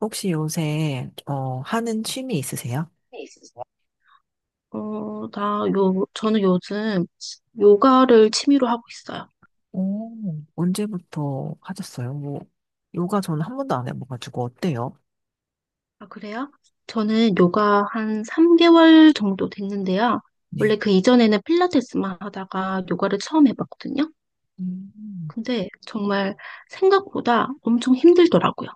혹시 요새, 하는 취미 있으세요? 있으세요? 저는 요즘 요가를 취미로 하고 있어요. 오, 언제부터 하셨어요? 뭐, 요가 저는 한 번도 안 해봐가지고 어때요? 아, 그래요? 저는 요가 한 3개월 정도 됐는데요. 원래 네. 그 이전에는 필라테스만 하다가 요가를 처음 해봤거든요. 음, 근데 정말 생각보다 엄청 힘들더라고요.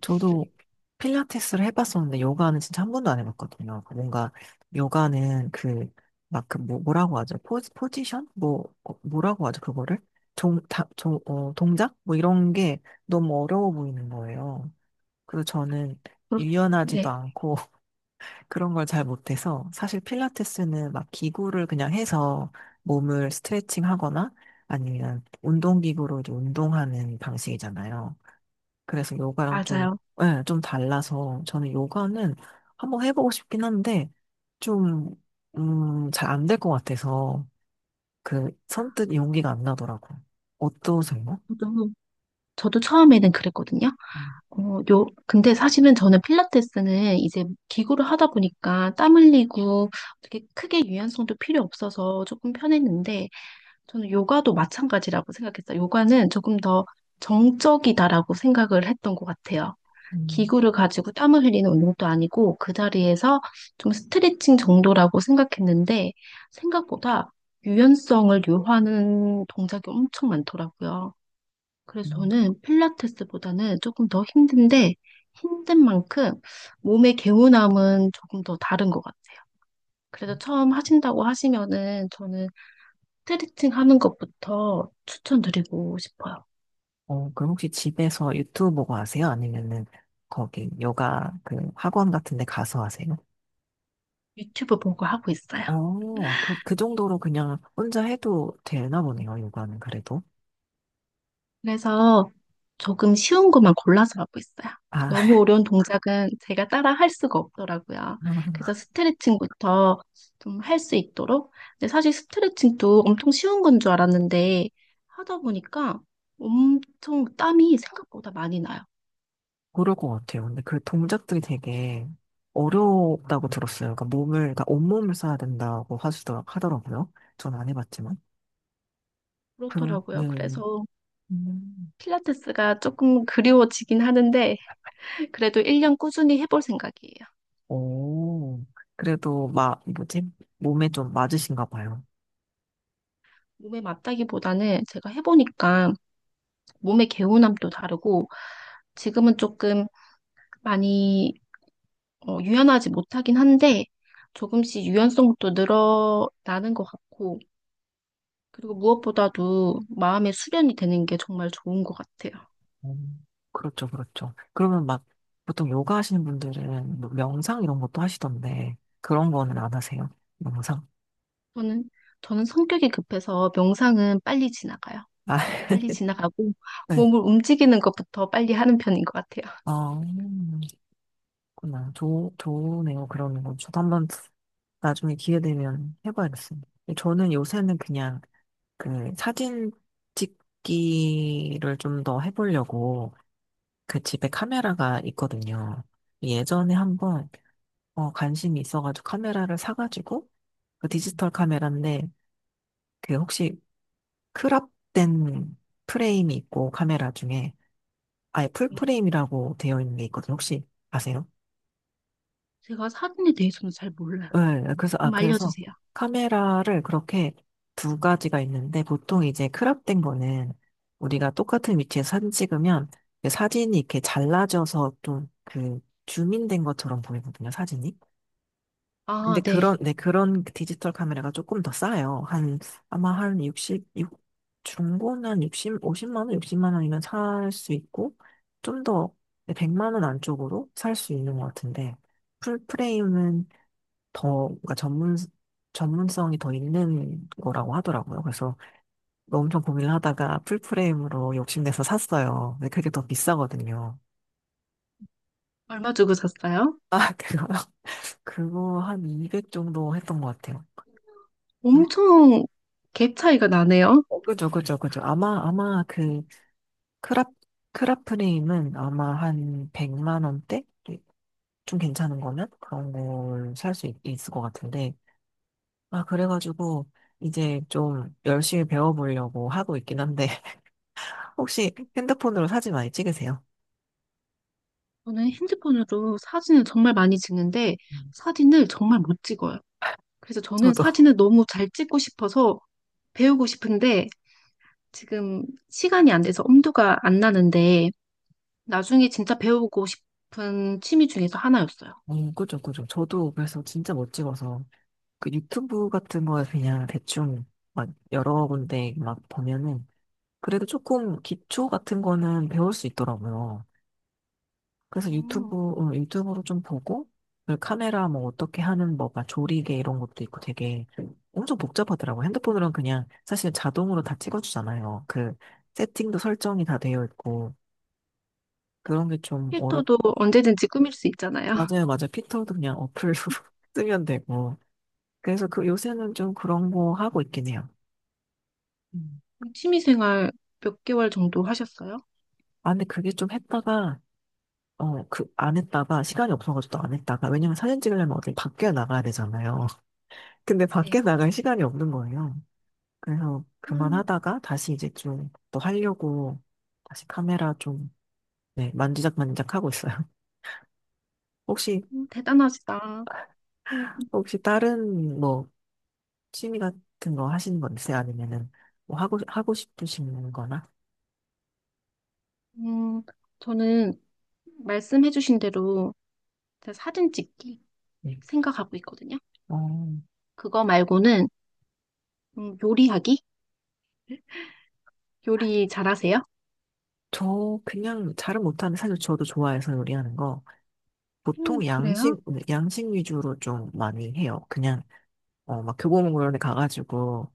저도 필라테스를 해봤었는데 요가는 진짜 한 번도 안 해봤거든요. 그 뭔가 요가는 그, 막 그 뭐, 뭐라고 하죠? 포지션? 뭐, 뭐라고 하죠? 그거를? 종, 다, 종, 어, 동작? 뭐 이런 게 너무 어려워 보이는 거예요. 그래서 저는 그렇- 유연하지도 네, 않고 그런 걸 잘 못해서 사실 필라테스는 막 기구를 그냥 해서 몸을 스트레칭 하거나 아니면 운동기구로 이제 운동하는 방식이잖아요. 그래서 요가랑 좀, 맞아요. 예, 좀 달라서 저는 요가는 한번 해보고 싶긴 한데 좀, 잘 안 될 것 같아서 그 선뜻 용기가 안 나더라고요. 어떠세요? 저도, 저도 처음에는 그랬거든요. 음, 근데 사실은 저는 필라테스는 이제 기구를 하다 보니까 땀 흘리고 어떻게 크게 유연성도 필요 없어서 조금 편했는데 저는 요가도 마찬가지라고 생각했어요. 요가는 조금 더 정적이다라고 생각을 했던 것 같아요. 음, 기구를 가지고 땀을 흘리는 운동도 아니고 그 자리에서 좀 스트레칭 정도라고 생각했는데 생각보다 유연성을 요하는 동작이 엄청 많더라고요. 그래서 음. 저는 필라테스보다는 조금 더 힘든데 힘든 만큼 몸의 개운함은 조금 더 다른 것 같아요. 그래서 처음 하신다고 하시면은 저는 스트레칭 하는 것부터 추천드리고 싶어요. 그럼 혹시 집에서 유튜브 보고 하세요? 아니면은 거기 요가 그 학원 같은 데 가서 하세요? 유튜브 보고 하고 있어요. 그 정도로 그냥 혼자 해도 되나 보네요, 요가는 그래도. 그래서 조금 쉬운 것만 골라서 하고 있어요. 아, 너무 어려운 동작은 제가 따라 할 수가 없더라고요. 그래서 스트레칭부터 좀 할 수 있도록. 근데 사실 스트레칭도 엄청 쉬운 건 줄 알았는데 하다 보니까 엄청 땀이 생각보다 많이 나요. 그럴 것 같아요. 근데 그 동작들이 되게 어렵다고 들었어요. 그러니까 몸을, 그러니까 온몸을 써야 된다고 하더라고요. 전 안 해봤지만. 그렇더라고요. 네. 그래서 음. 필라테스가 조금 그리워지긴 하는데 그래도 1년 꾸준히 해볼 생각이에요. 오, 그래도 막, 뭐지? 몸에 좀 맞으신가 봐요. 몸에 맞다기보다는 제가 해보니까 몸의 개운함도 다르고 지금은 조금 많이 유연하지 못하긴 한데 조금씩 유연성도 늘어나는 것 같고 그리고 무엇보다도 마음의 수련이 되는 게 정말 좋은 것 같아요. 음, 그렇죠, 그렇죠. 그러면 막 보통 요가 하시는 분들은 뭐 명상 이런 것도 하시던데 그런 거는 안 하세요? 명상? 저는 저는 성격이 급해서 명상은 빨리 지나가요. 아, 빨리 지나가고 네. 몸을 움직이는 것부터 빨리 하는 편인 것 같아요. 어, 음, 그렇구나. 좋네요. 그러는 건 저도 한번 나중에 기회 되면 해봐야겠습니다. 저는 요새는 그냥 그 사진 찍기를 좀 더 해보려고 그 집에 카메라가 있거든요. 예전에 한번 관심이 있어가지고 카메라를 사가지고 그 디지털 카메라인데 그 혹시 크롭된 프레임이 있고 카메라 중에 아예 풀 네. 프레임이라고 되어 있는 게 있거든요. 혹시 아세요? 제가 사진에 대해서는 잘 몰라요. 네, 그래서 아 좀 그래서 알려주세요. 카메라를 그렇게 두 가지가 있는데 보통 이제 크롭된 거는 우리가 똑같은 위치에서 사진 찍으면 그 사진이 이렇게 잘라져서 좀 그 줌인된 것처럼 보이거든요. 사진이. 근데 아, 네. 네, 그런 디지털 카메라가 조금 더 싸요. 한, 아마 한 60, 육 중고는 한 60, 50만 원, 60만 원이면 살 수 있고, 좀 더, 네, 100만 원 안쪽으로 살 수 있는 것 같은데, 풀프레임은 더, 그러니까 전문성이 더 있는 거라고 하더라고요. 그래서 엄청 고민을 하다가 풀프레임으로 욕심내서 샀어요. 근데 그게 더 비싸거든요. 얼마 주고 샀어요? 아, 그거, 그거 한 200 정도 했던 것 같아요. 엄청 갭 차이가 나네요. 그죠, 그죠, 그죠. 아마 크라, 크라프림은 아마 한 100만 원대? 네, 좀 괜찮은 거면? 그런 걸 살 수 있을 것 같은데. 아, 그래가지고, 이제 좀 열심히 배워보려고 하고 있긴 한데, 혹시 핸드폰으로 사진 많이 찍으세요? 저는 핸드폰으로 사진을 정말 많이 찍는데 음. 사진을 정말 못 찍어요. 그래서 저는 저도. 사진을 너무 잘 찍고 싶어서 배우고 싶은데 지금 시간이 안 돼서 엄두가 안 나는데 나중에 진짜 배우고 싶은 취미 중에서 하나였어요. 그죠, 그죠. 저도 그래서 진짜 못 찍어서, 그 유튜브 같은 거 그냥 대충 막 여러 군데 막 보면은, 그래도 조금 기초 같은 거는 배울 수 있더라고요. 그래서 음. 유튜브로 좀 보고, 그 카메라 뭐 어떻게 하는 뭐, 막 조리개 이런 것도 있고 되게 엄청 복잡하더라고요. 핸드폰으로는 그냥 사실 자동으로 다 찍어주잖아요. 그 세팅도 설정이 다 되어 있고, 그런 게 좀 어렵, 필터도 언제든지 꾸밀 수 있잖아요. 맞아요, 맞아요. 피터도 그냥 어플로 쓰면 되고. 그래서 그 요새는 좀 그런 거 하고 있긴 해요. 음. 취미 생활 몇 개월 정도 하셨어요? 아, 근데 그게 좀 했다가, 안 했다가, 시간이 없어가지고 또 안 했다가, 왜냐면 사진 찍으려면 어딜 밖에 나가야 되잖아요. 근데 네. 밖에 나갈 시간이 없는 거예요. 그래서 음, 그만하다가 다시 이제 좀 또 하려고 다시 카메라 좀, 네, 만지작만지작 하고 있어요. 혹시, 대단하시다. 혹시 다른 뭐 취미 같은 거 하시는 거 있어요? 아니면은 뭐 하고 싶으신 거나? 음, 저는 말씀해주신 대로 제가 사진 찍기 네. 생각하고 있거든요. 어, 그거 말고는 요리하기? 요리 잘하세요? 저 그냥 잘은 못하는데 사실 저도 좋아해서 요리하는 거. 보통 그래요? 양식 위주로 좀 많이 해요. 그냥, 막 교보문고런 데 가가지고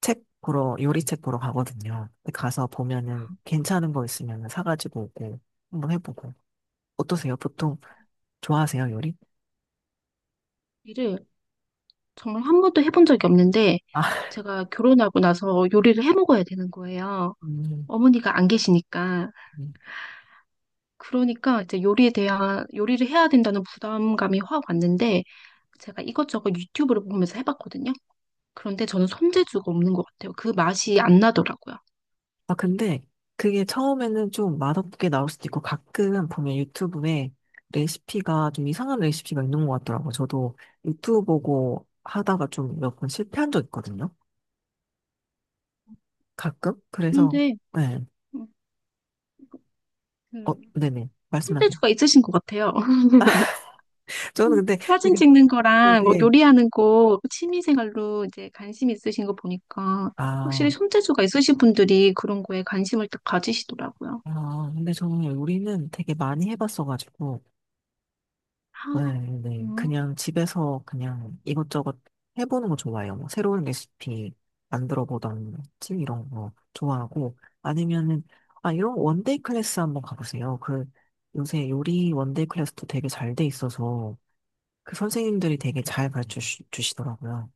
책 보러, 요리책 보러 가거든요. 근데 가서 보면은 괜찮은 거 있으면 사가지고 오고 한번 해보고. 어떠세요? 보통 좋아하세요, 요리? 요리를 정말 한 번도 해본 적이 없는데 아, 제가 결혼하고 나서 요리를 해 먹어야 되는 거예요. 음, 어머니가 안 계시니까. 음. 그러니까 이제 요리를 해야 된다는 부담감이 확 왔는데 제가 이것저것 유튜브를 보면서 해봤거든요. 그런데 저는 손재주가 없는 것 같아요. 그 맛이 안 나더라고요. 아, 근데 그게 처음에는 좀 맛없게 나올 수도 있고 가끔 보면 유튜브에 레시피가 좀 이상한 레시피가 있는 것 같더라고요. 저도 유튜브 보고 하다가 좀 몇 번 실패한 적 있거든요. 가끔? 그래서, 그런데 네. 음, 그 어, 네네. 재주 말씀하세요. 가 있으신 것 같아요. 저는 근데 사진 찍는 거랑 뭐 되게, 요리하는 거 취미생활로 이제 관심 있으신 거 보니까 아, 확실히 손재주가 있으신 분들이 그런 거에 관심을 딱 가지시더라고요. 아, 근데 저는 요리는 되게 많이 해봤어가지고, 네, 아, 네. 음. 그냥 집에서 그냥 이것저것 해보는 거 좋아해요. 뭐 새로운 레시피 만들어 보던지 이런 거 좋아하고, 아니면은, 아, 이런 원데이 클래스 한번 가보세요. 그, 요새 요리 원데이 클래스도 되게 잘 돼 있어서, 그 선생님들이 되게 잘 가르쳐 주시더라고요.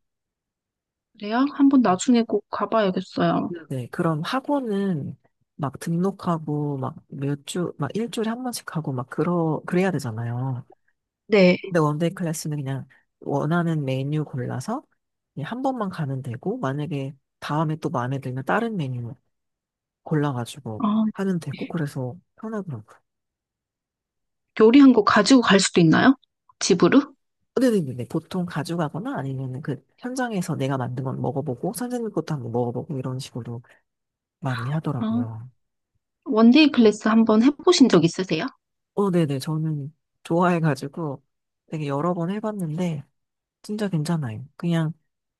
그래요? 한번 나중에 꼭 가봐야겠어요. 네, 그럼 학원은 막 등록하고, 막 몇 주, 막 일주일에 한 번씩 하고, 막 그래야 되잖아요. 네. 근데 원데이 클래스는 그냥 원하는 메뉴 골라서 그냥 한 번만 가면 되고, 만약에 다음에 또 마음에 들면 다른 메뉴 골라가지고 어, 하면 되고, 그래서 편하더라고요. 요리한 거 가지고 갈 수도 있나요? 집으로? 근데 네 보통 가져가거나 아니면 그 현장에서 내가 만든 건 먹어보고, 선생님 것도 한번 먹어보고 이런 식으로 많이 어, 하더라고요. 원데이 클래스 한번 해보신 적 있으세요? 어, 네네. 저는 좋아해가지고 되게 여러 번 해봤는데, 진짜 괜찮아요. 그냥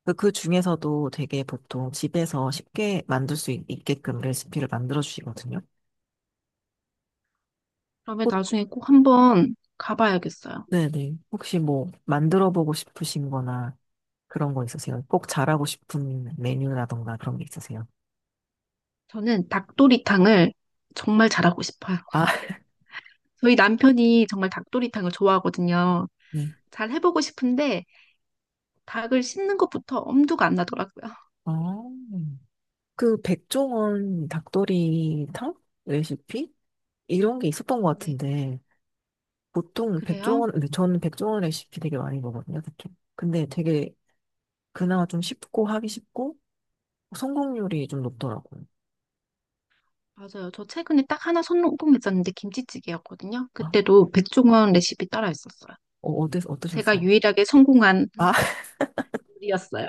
그, 그 중에서도 되게 보통 집에서 쉽게 만들 수 있게끔 레시피를 만들어 주시거든요. 그러면 혹- 나중에 꼭 한번 가봐야겠어요. 네네. 혹시 뭐 만들어 보고 싶으신 거나 그런 거 있으세요? 꼭 잘하고 싶은 메뉴라던가 그런 게 있으세요? 저는 닭도리탕을 정말 잘하고 싶어요. 아, 저희 남편이 정말 닭도리탕을 좋아하거든요. 네. 잘 해보고 싶은데 닭을 씹는 것부터 엄두가 안 나더라고요. 아, 그 백종원 닭도리탕 레시피? 이런 게 있었던 것 네, 같은데 보통 그래요? 백종원, 근데 저는 백종원 레시피 되게 많이 먹거든요, 특히. 근데 되게 그나마 좀 쉽고 하기 쉽고 성공률이 좀 높더라고요. 맞아요. 저 최근에 딱 하나 성공했었는데 김치찌개였거든요. 아, 그때도 백종원 레시피 따라 했었어요. 제가 어떠셨어요? 유일하게 성공한 아, 요리였어요.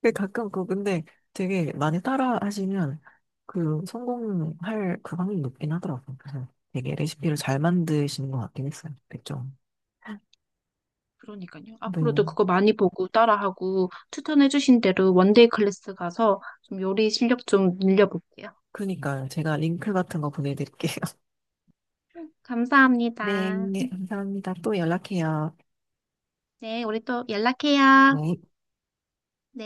근데 가끔 그 근데 되게 많이 따라 하시면 그 성공할 그 확률이 높긴 하더라고요. 그래서 되게 레시피를 잘 만드시는 것 같긴 했어요. 그죠? 그러니까요. 네. 앞으로도 그거 많이 보고 따라하고 추천해주신 대로 원데이 클래스 가서 좀 요리 실력 좀 늘려볼게요. 그러니까 제가 링크 같은 거 보내드릴게요. 감사합니다. 네, 감사합니다. 또 연락해요. 네, 우리 또 연락해요. 네.